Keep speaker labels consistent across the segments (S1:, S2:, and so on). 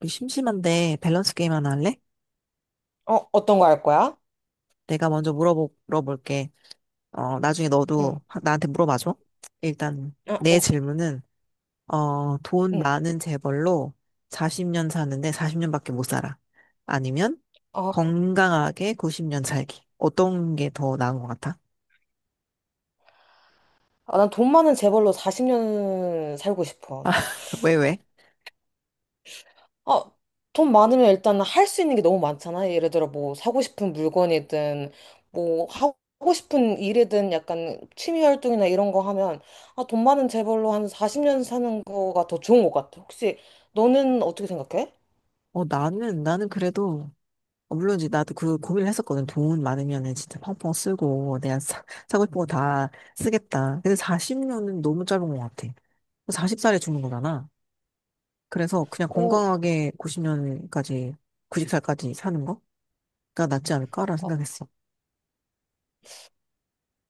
S1: 우리 심심한데 밸런스 게임 하나 할래?
S2: 어, 어떤 거 할 거야?
S1: 내가 먼저 물어볼게. 나중에
S2: 응,
S1: 너도 나한테 물어봐줘. 일단
S2: 아,
S1: 내
S2: 오케이.
S1: 질문은 돈
S2: 응.
S1: 많은 재벌로 40년 사는데 40년밖에 못 살아. 아니면
S2: 아,
S1: 건강하게 90년 살기. 어떤 게 더 나은 것 같아?
S2: 아, 난 돈 많은 재벌로 40년 살고 싶어.
S1: 왜, 왜?
S2: 아, 돈 많으면 일단 할 수 있는 게 너무 많잖아. 예를 들어 뭐 사고 싶은 물건이든 뭐 하고 싶은 일이든 약간 취미 활동이나 이런 거 하면 아, 돈 많은 재벌로 한 40년 사는 거가 더 좋은 것 같아. 혹시 너는 어떻게 생각해?
S1: 나는 그래도, 물론 이제 나도 그 고민을 했었거든. 돈 많으면은 진짜 펑펑 쓰고, 내가 사고 싶은 거 다 쓰겠다. 근데 40년은 너무 짧은 것 같아. 40살에 죽는 거잖아. 그래서 그냥
S2: 오.
S1: 건강하게 90년까지, 90살까지 사는 거가 낫지 않을까라는 생각했어.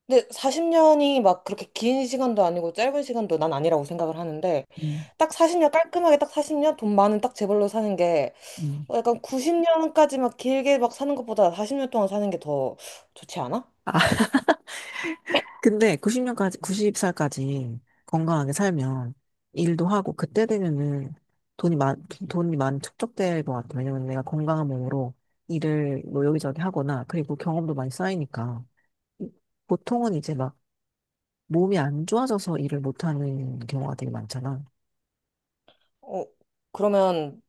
S2: 근데 40년이 막 그렇게 긴 시간도 아니고 짧은 시간도 난 아니라고 생각을 하는데
S1: 음,
S2: 딱 40년 깔끔하게 딱 40년 돈 많은 딱 재벌로 사는 게
S1: 음.
S2: 어, 약간 90년까지 막 길게 막 사는 것보다 40년 동안 사는 게 더 좋지 않아?
S1: 아, 근데 90년까지, 90살까지 건강하게 살면 일도 하고 그때 되면은 돈이 많, 돈이 많이 축적될 것 같아. 왜냐면 내가 건강한 몸으로 일을 뭐 여기저기 하거나 그리고 경험도 많이 쌓이니까 보통은 이제 막 몸이 안 좋아져서 일을 못하는 경우가 되게 많잖아.
S2: 어, 그러면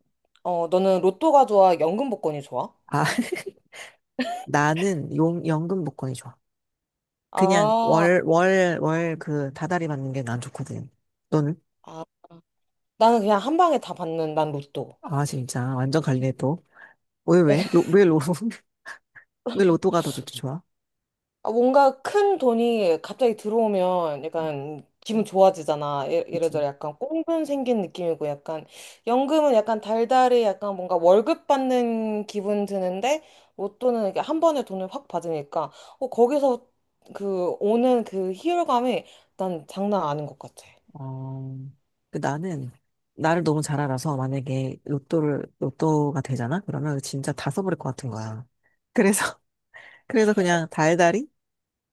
S2: 어, 너는 로또가 좋아? 연금 복권이 좋아?
S1: 아, 나는 연금 복권이 좋아. 그냥
S2: 아,
S1: 월 그 다달이 받는 게 난 좋거든. 너는?
S2: 아, 나는 그냥 한 방에 다 받는 난 로또.
S1: 아, 진짜. 완전 갈리네, 또. 왜, 왜? 왜 로또가 더 좋, 지 좋아?
S2: 아, 뭔가 큰 돈이 갑자기 들어오면 약간 기분 좋아지잖아.
S1: 그치.
S2: 이래저래 약간 꽁돈 생긴 느낌이고 약간 연금은 약간 달달이 약간 뭔가 월급 받는 기분 드는데 로또는 이게 한 번에 돈을 확 받으니까 어, 거기서 그 오는 그 희열감이 난 장난 아닌 것 같아.
S1: 어, 그 나를 너무 잘 알아서 만약에 로또를, 로또가 되잖아? 그러면 진짜 다 써버릴 것 같은 거야. 그래서, 그래서 그냥 달달이?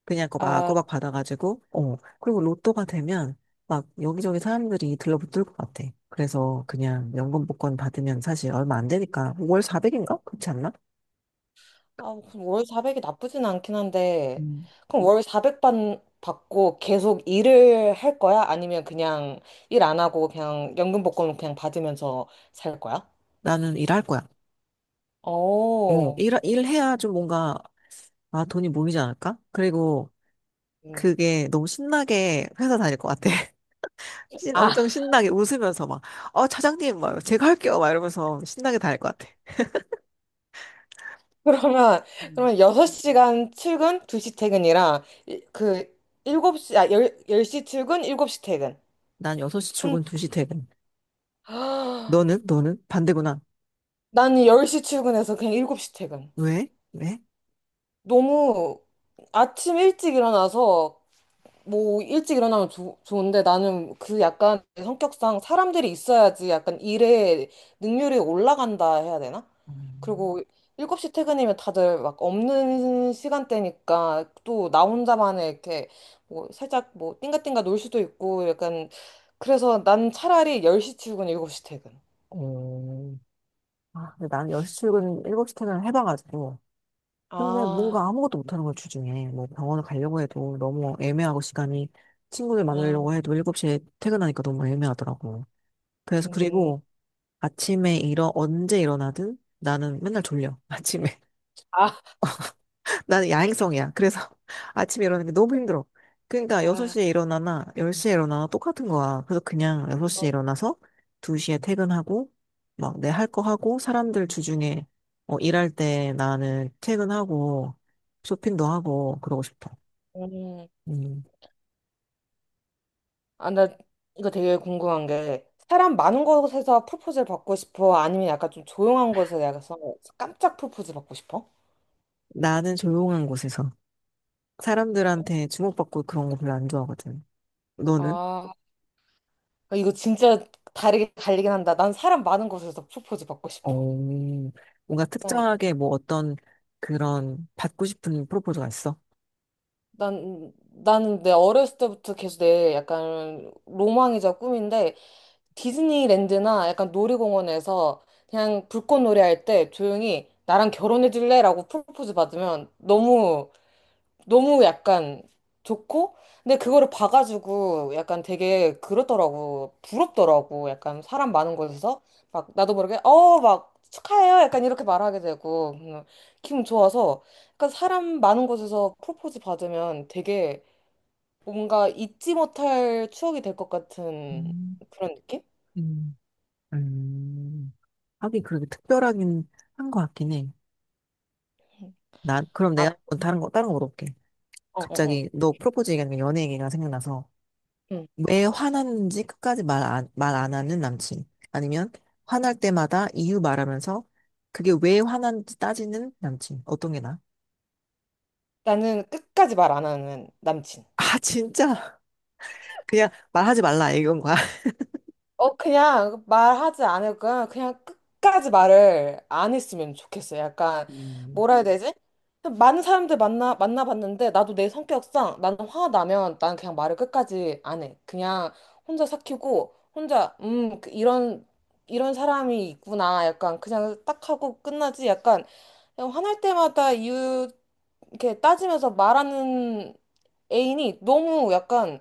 S1: 그냥
S2: 아,
S1: 꼬박꼬박 받아가지고, 어. 그리고 로또가 되면 막 여기저기 사람들이 들러붙을 것 같아. 그래서 그냥 연금 복권 받으면 사실 얼마 안 되니까 월 400인가? 그렇지 않나?
S2: 아, 그럼 월 400이 나쁘진 않긴 한데,
S1: 음.
S2: 그럼 월 400 받고 계속 일을 할 거야? 아니면 그냥 일 안 하고 그냥 연금복권 그냥 받으면서 살 거야?
S1: 나는 일할 거야.
S2: 오...
S1: 일해야 좀 뭔가, 아, 돈이 모이지 않을까? 그리고
S2: 음.
S1: 그게 너무 신나게 회사 다닐 것 같아.
S2: 아,
S1: 엄청 신나게 웃으면서 막, 차장님, 막, 제가 할게요. 막 이러면서 신나게 다닐 것 같아.
S2: 그러면,
S1: 음.
S2: 그러면 6시간 출근, 2시 퇴근이랑, 일곱 시 아, 10, 시 출근, 7시 퇴근.
S1: 난 6시
S2: 한,
S1: 출근, 2시 퇴근.
S2: 아,
S1: 너는? 너는? 반대구나.
S2: 나는 10시 출근해서 그냥 7시 퇴근.
S1: 왜? 왜?
S2: 너무 아침 일찍 일어나서 뭐 일찍 일어나면 좋 좋은데 나는 그 약간 내 성격상 사람들이 있어야지 약간 일에 능률이 올라간다 해야 되나?
S1: 음.
S2: 그리고 7시 퇴근이면 다들 막 없는 시간대니까 또 나 혼자만의 이렇게 뭐 살짝 뭐 띵가띵가 놀 수도 있고 약간 그래서 난 차라리 10시 출근, 7시 퇴근.
S1: 어, 근데 난 10시 출근, 7시 퇴근을 해봐가지고. 근데
S2: 아,
S1: 뭔가 아무것도 못하는 걸 주중에. 뭐 병원을 가려고 해도 너무 애매하고 시간이 친구들
S2: 아,
S1: 만나려고 해도 7시에 퇴근하니까 너무 애매하더라고. 그래서
S2: 음,
S1: 그리고 아침에 언제 일어나든 나는 맨날 졸려. 아침에.
S2: 아,
S1: 나는 야행성이야. 그래서 아침에 일어나는 게 너무 힘들어. 그러니까
S2: 아,
S1: 6시에 일어나나 10시에 일어나나 똑같은 거야. 그래서 그냥 6시에 일어나서 2시에 퇴근하고 막 내 할 거 하고 사람들 주중에 일할 때 나는 퇴근하고 쇼핑도 하고 그러고 싶어.
S2: 음.
S1: 음.
S2: 아, 나 이거 되게 궁금한 게 사람 많은 곳에서 프로포즈를 받고 싶어? 아니면 약간 좀 조용한 곳에서 약간 깜짝 프로포즈 받고 싶어?
S1: 나는 조용한 곳에서 사람들한테 주목받고 그런 거 별로 안 좋아하거든. 너는?
S2: 아, 이거 진짜 다르게 갈리긴 한다. 난 사람 많은 곳에서 프로포즈 받고 싶어.
S1: 오, 뭔가
S2: 난,
S1: 특정하게 뭐 어떤 그런 받고 싶은 프로포즈가 있어?
S2: 난, 나는 내 어렸을 때부터 계속 내 약간 로망이자 꿈인데 디즈니랜드나 약간 놀이공원에서 그냥 불꽃놀이 할 때 조용히 나랑 결혼해 줄래? 라고 프로포즈 받으면 너무 너무 약간 좋고, 근데 그거를 봐가지고 약간 되게 그렇더라고. 부럽더라고. 약간 사람 많은 곳에서. 막 나도 모르게, 어, 막 축하해요. 약간 이렇게 말하게 되고. 기분 좋아서. 약간 사람 많은 곳에서 프로포즈 받으면 되게 뭔가 잊지 못할 추억이 될 것 같은
S1: 음,
S2: 그런 느낌?
S1: 음. 음, 하긴 그렇게 특별하긴 한 것 같긴 해. 난, 그럼
S2: 아,
S1: 내가 한번 다른 거 물어볼게.
S2: 어, 어, 어.
S1: 갑자기 너 프로포즈 얘기하니까 연애 얘기가 생각나서
S2: 음.
S1: 왜 화났는지 끝까지 말 안 하는 남친. 아니면 화날 때마다 이유 말하면서 그게 왜 화났는지 따지는 남친. 어떤 게 나아?
S2: 나는 끝까지 말 안 하는 남친.
S1: 아, 진짜? 그냥 말하지 말라 이건 거야.
S2: 어, 그냥 말하지 않을 거야. 그냥 끝까지 말을 안 했으면 좋겠어요. 약간,
S1: 음,
S2: 뭐라 해야 되지? 많은 사람들 만나봤는데, 나도 내 성격상, 나는 화나면 난 그냥 말을 끝까지 안 해. 그냥 혼자 삭히고, 혼자, 그 이런 사람이 있구나. 약간 그냥 딱 하고 끝나지. 약간, 그냥 화날 때마다 이렇게 따지면서 말하는 애인이 너무 약간,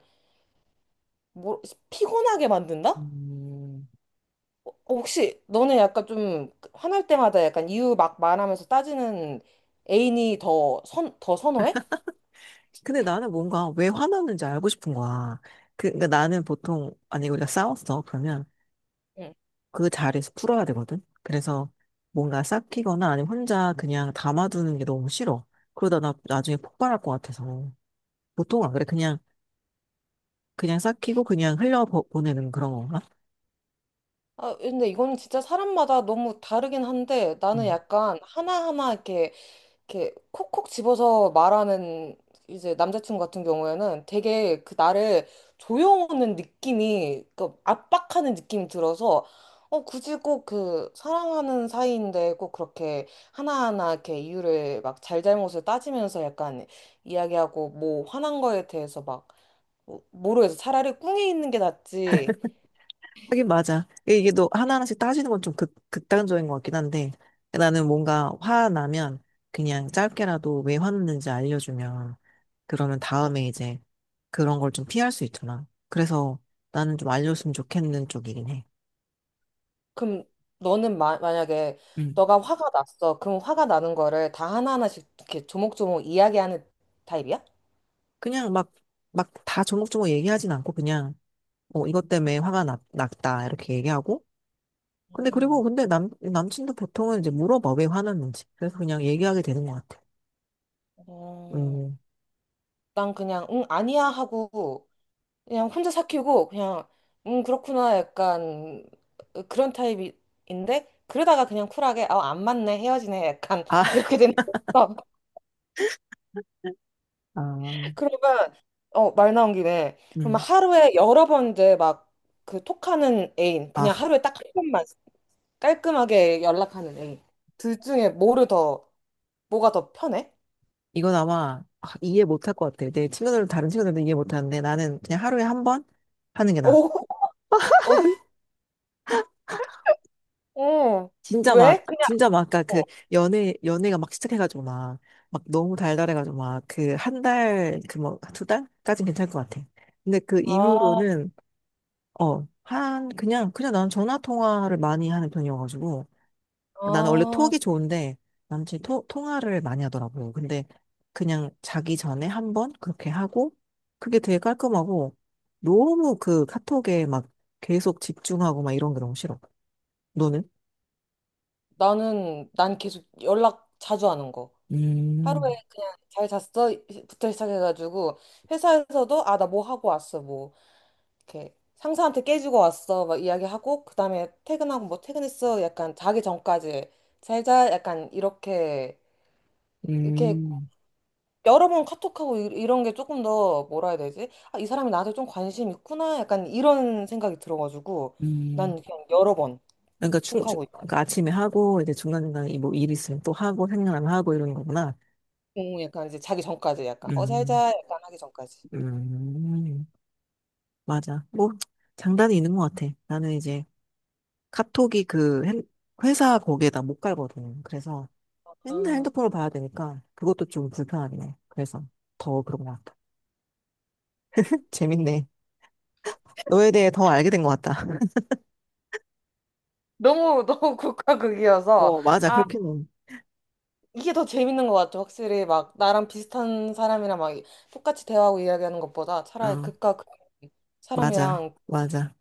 S2: 뭐, 피곤하게 만든다?
S1: 음.
S2: 어, 혹시 너네 약간 좀 화날 때마다 약간 이유 막 말하면서 따지는 애인이 더 선호해?
S1: 근데 나는 뭔가 왜 화났는지 알고 싶은 거야. 그러니까 나는 보통, 아니, 우리가 싸웠어. 그러면
S2: 응.
S1: 그 자리에서 풀어야 되거든. 그래서 뭔가 삭히거나 아니면 혼자 그냥 담아두는 게 너무 싫어. 그러다 나 나중에 폭발할 것 같아서. 보통 안 그래. 그냥 삭히고 그냥 흘려보내는 그런 건가?
S2: 아, 근데 이거는 진짜 사람마다 너무 다르긴 한데 나는
S1: 음.
S2: 약간 하나하나 이렇게 콕콕 집어서 말하는 이제 남자친구 같은 경우에는 되게 그 나를 조여오는 느낌이 그 압박하는 느낌이 들어서 어, 굳이 꼭 그 사랑하는 사이인데 꼭 그렇게 하나하나 이렇게 이유를 막 잘잘못을 따지면서 약간 이야기하고 뭐 화난 거에 대해서 막 뭐, 모르겠어. 차라리 꿍해 있는 게 낫지.
S1: 하긴 맞아. 이게 너 하나하나씩 따지는 건 좀 극단적인 것 같긴 한데 나는 뭔가 화나면 그냥 짧게라도 왜 화났는지 알려주면 그러면 다음에 이제 그런 걸 좀 피할 수 있잖아. 그래서 나는 좀 알려줬으면 좋겠는 쪽이긴 해.
S2: 그럼 너는 만약에 너가 화가 났어. 그럼 화가 나는 거를 다 하나하나씩 이렇게 조목조목 이야기하는 타입이야?
S1: 그냥 막 다 조목조목 얘기하진 않고 그냥, 이것 때문에 화가 났다, 이렇게 얘기하고. 근데
S2: 음.
S1: 그리고 근데 남친도 보통은 이제 물어봐, 왜 화났는지. 그래서 그냥 얘기하게 되는 것 같아.
S2: 어,
S1: 음.
S2: 난 그냥 응 아니야 하고 그냥 혼자 삭히고 그냥 응 그렇구나 약간 그런 타입인데 그러다가 그냥 쿨하게 아안 맞네 헤어지네 약간
S1: 아,
S2: 이렇게 되는 거
S1: 아,
S2: 그러면 어, 말 나온 김에 그럼
S1: 음.
S2: 하루에 여러 번 이제 막 그 톡하는 애인 그냥
S1: 아,
S2: 하루에 딱 한 번만 깔끔하게 연락하는 애 둘 중에 뭐가 더 편해?
S1: 이건 아마 이해 못할 것 같아. 내 친구들도 다른 친구들도 이해 못하는데 나는 그냥 하루에 한 번 하는 게 나아.
S2: 오, 어, 어.
S1: 진짜 막,
S2: 왜?
S1: 진짜 막, 아까 그, 연애가 막 시작해가지고 막, 막 너무 달달해가지고 막, 그, 한 달, 그 뭐, 두 달까진 괜찮을 것 같아. 근데 그
S2: 아,
S1: 이후로는, 한, 그냥 난 전화 통화를 많이 하는 편이어가지고, 나는 원래
S2: 아,
S1: 톡이 좋은데, 남친이 통화를 많이 하더라고요. 근데 그냥 자기 전에 한 번 그렇게 하고, 그게 되게 깔끔하고, 너무 그 카톡에 막 계속 집중하고 막 이런 게 너무 싫어. 너는?
S2: 난 계속 연락 자주 하는 거. 하루에
S1: 음,
S2: 그냥 잘 잤어? 부터 시작해가지고, 회사에서도, 아, 나 뭐 하고 왔어, 뭐. 이렇게 상사한테 깨지고 왔어, 막 이야기하고, 그 다음에 퇴근하고 뭐 퇴근했어? 약간 자기 전까지 잘 자? 약간 이렇게
S1: 음.
S2: 여러 번 카톡하고 이런 게 조금 더 뭐라 해야 되지? 아, 이 사람이 나한테 좀 관심 있구나. 약간 이런 생각이 들어가지고
S1: 음.
S2: 난 그냥 여러 번
S1: 그러니까 추, 추,
S2: 톡하고
S1: 그러니까 아침에 하고 이제 중간중간에 이뭐 일 있으면 또 하고 생각나면 하고 이러는 거구나.
S2: 응, 약간 이제 자기 전까지 약간 어
S1: 음.
S2: 살자 약간 하기 전까지.
S1: 음. 맞아. 뭐 장단이 있는 것 같아. 나는 이제 카톡이 그 회사 거기에다 못 갈거든. 그래서 맨날
S2: 어,
S1: 핸드폰을 봐야 되니까 그것도 좀 불편하긴 해. 그래서 더 그런 것 같아. 재밌네. 너에 대해 더 알게 된 것 같다.
S2: 너무 너무 국가극이어서
S1: 어, 맞아.
S2: 아,
S1: 그렇게는.
S2: 이게 더 재밌는 것 같아. 확실히 막 나랑 비슷한 사람이랑 막 똑같이 대화하고 이야기하는 것보다 차라리
S1: 어,
S2: 극과 극
S1: 맞아.
S2: 사람이랑
S1: 맞아.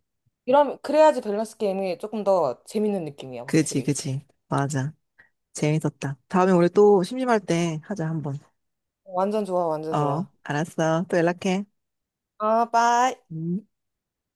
S2: 이런 그래야지 밸런스 게임이 조금 더 재밌는 느낌이야.
S1: 그지,
S2: 확실히
S1: 그지. 맞아. 재밌었다. 다음에 우리 또 심심할 때 하자, 한번.
S2: 완전 좋아. 완전
S1: 어,
S2: 좋아.
S1: 알았어. 또 연락해.
S2: 아, 빠이.
S1: 음.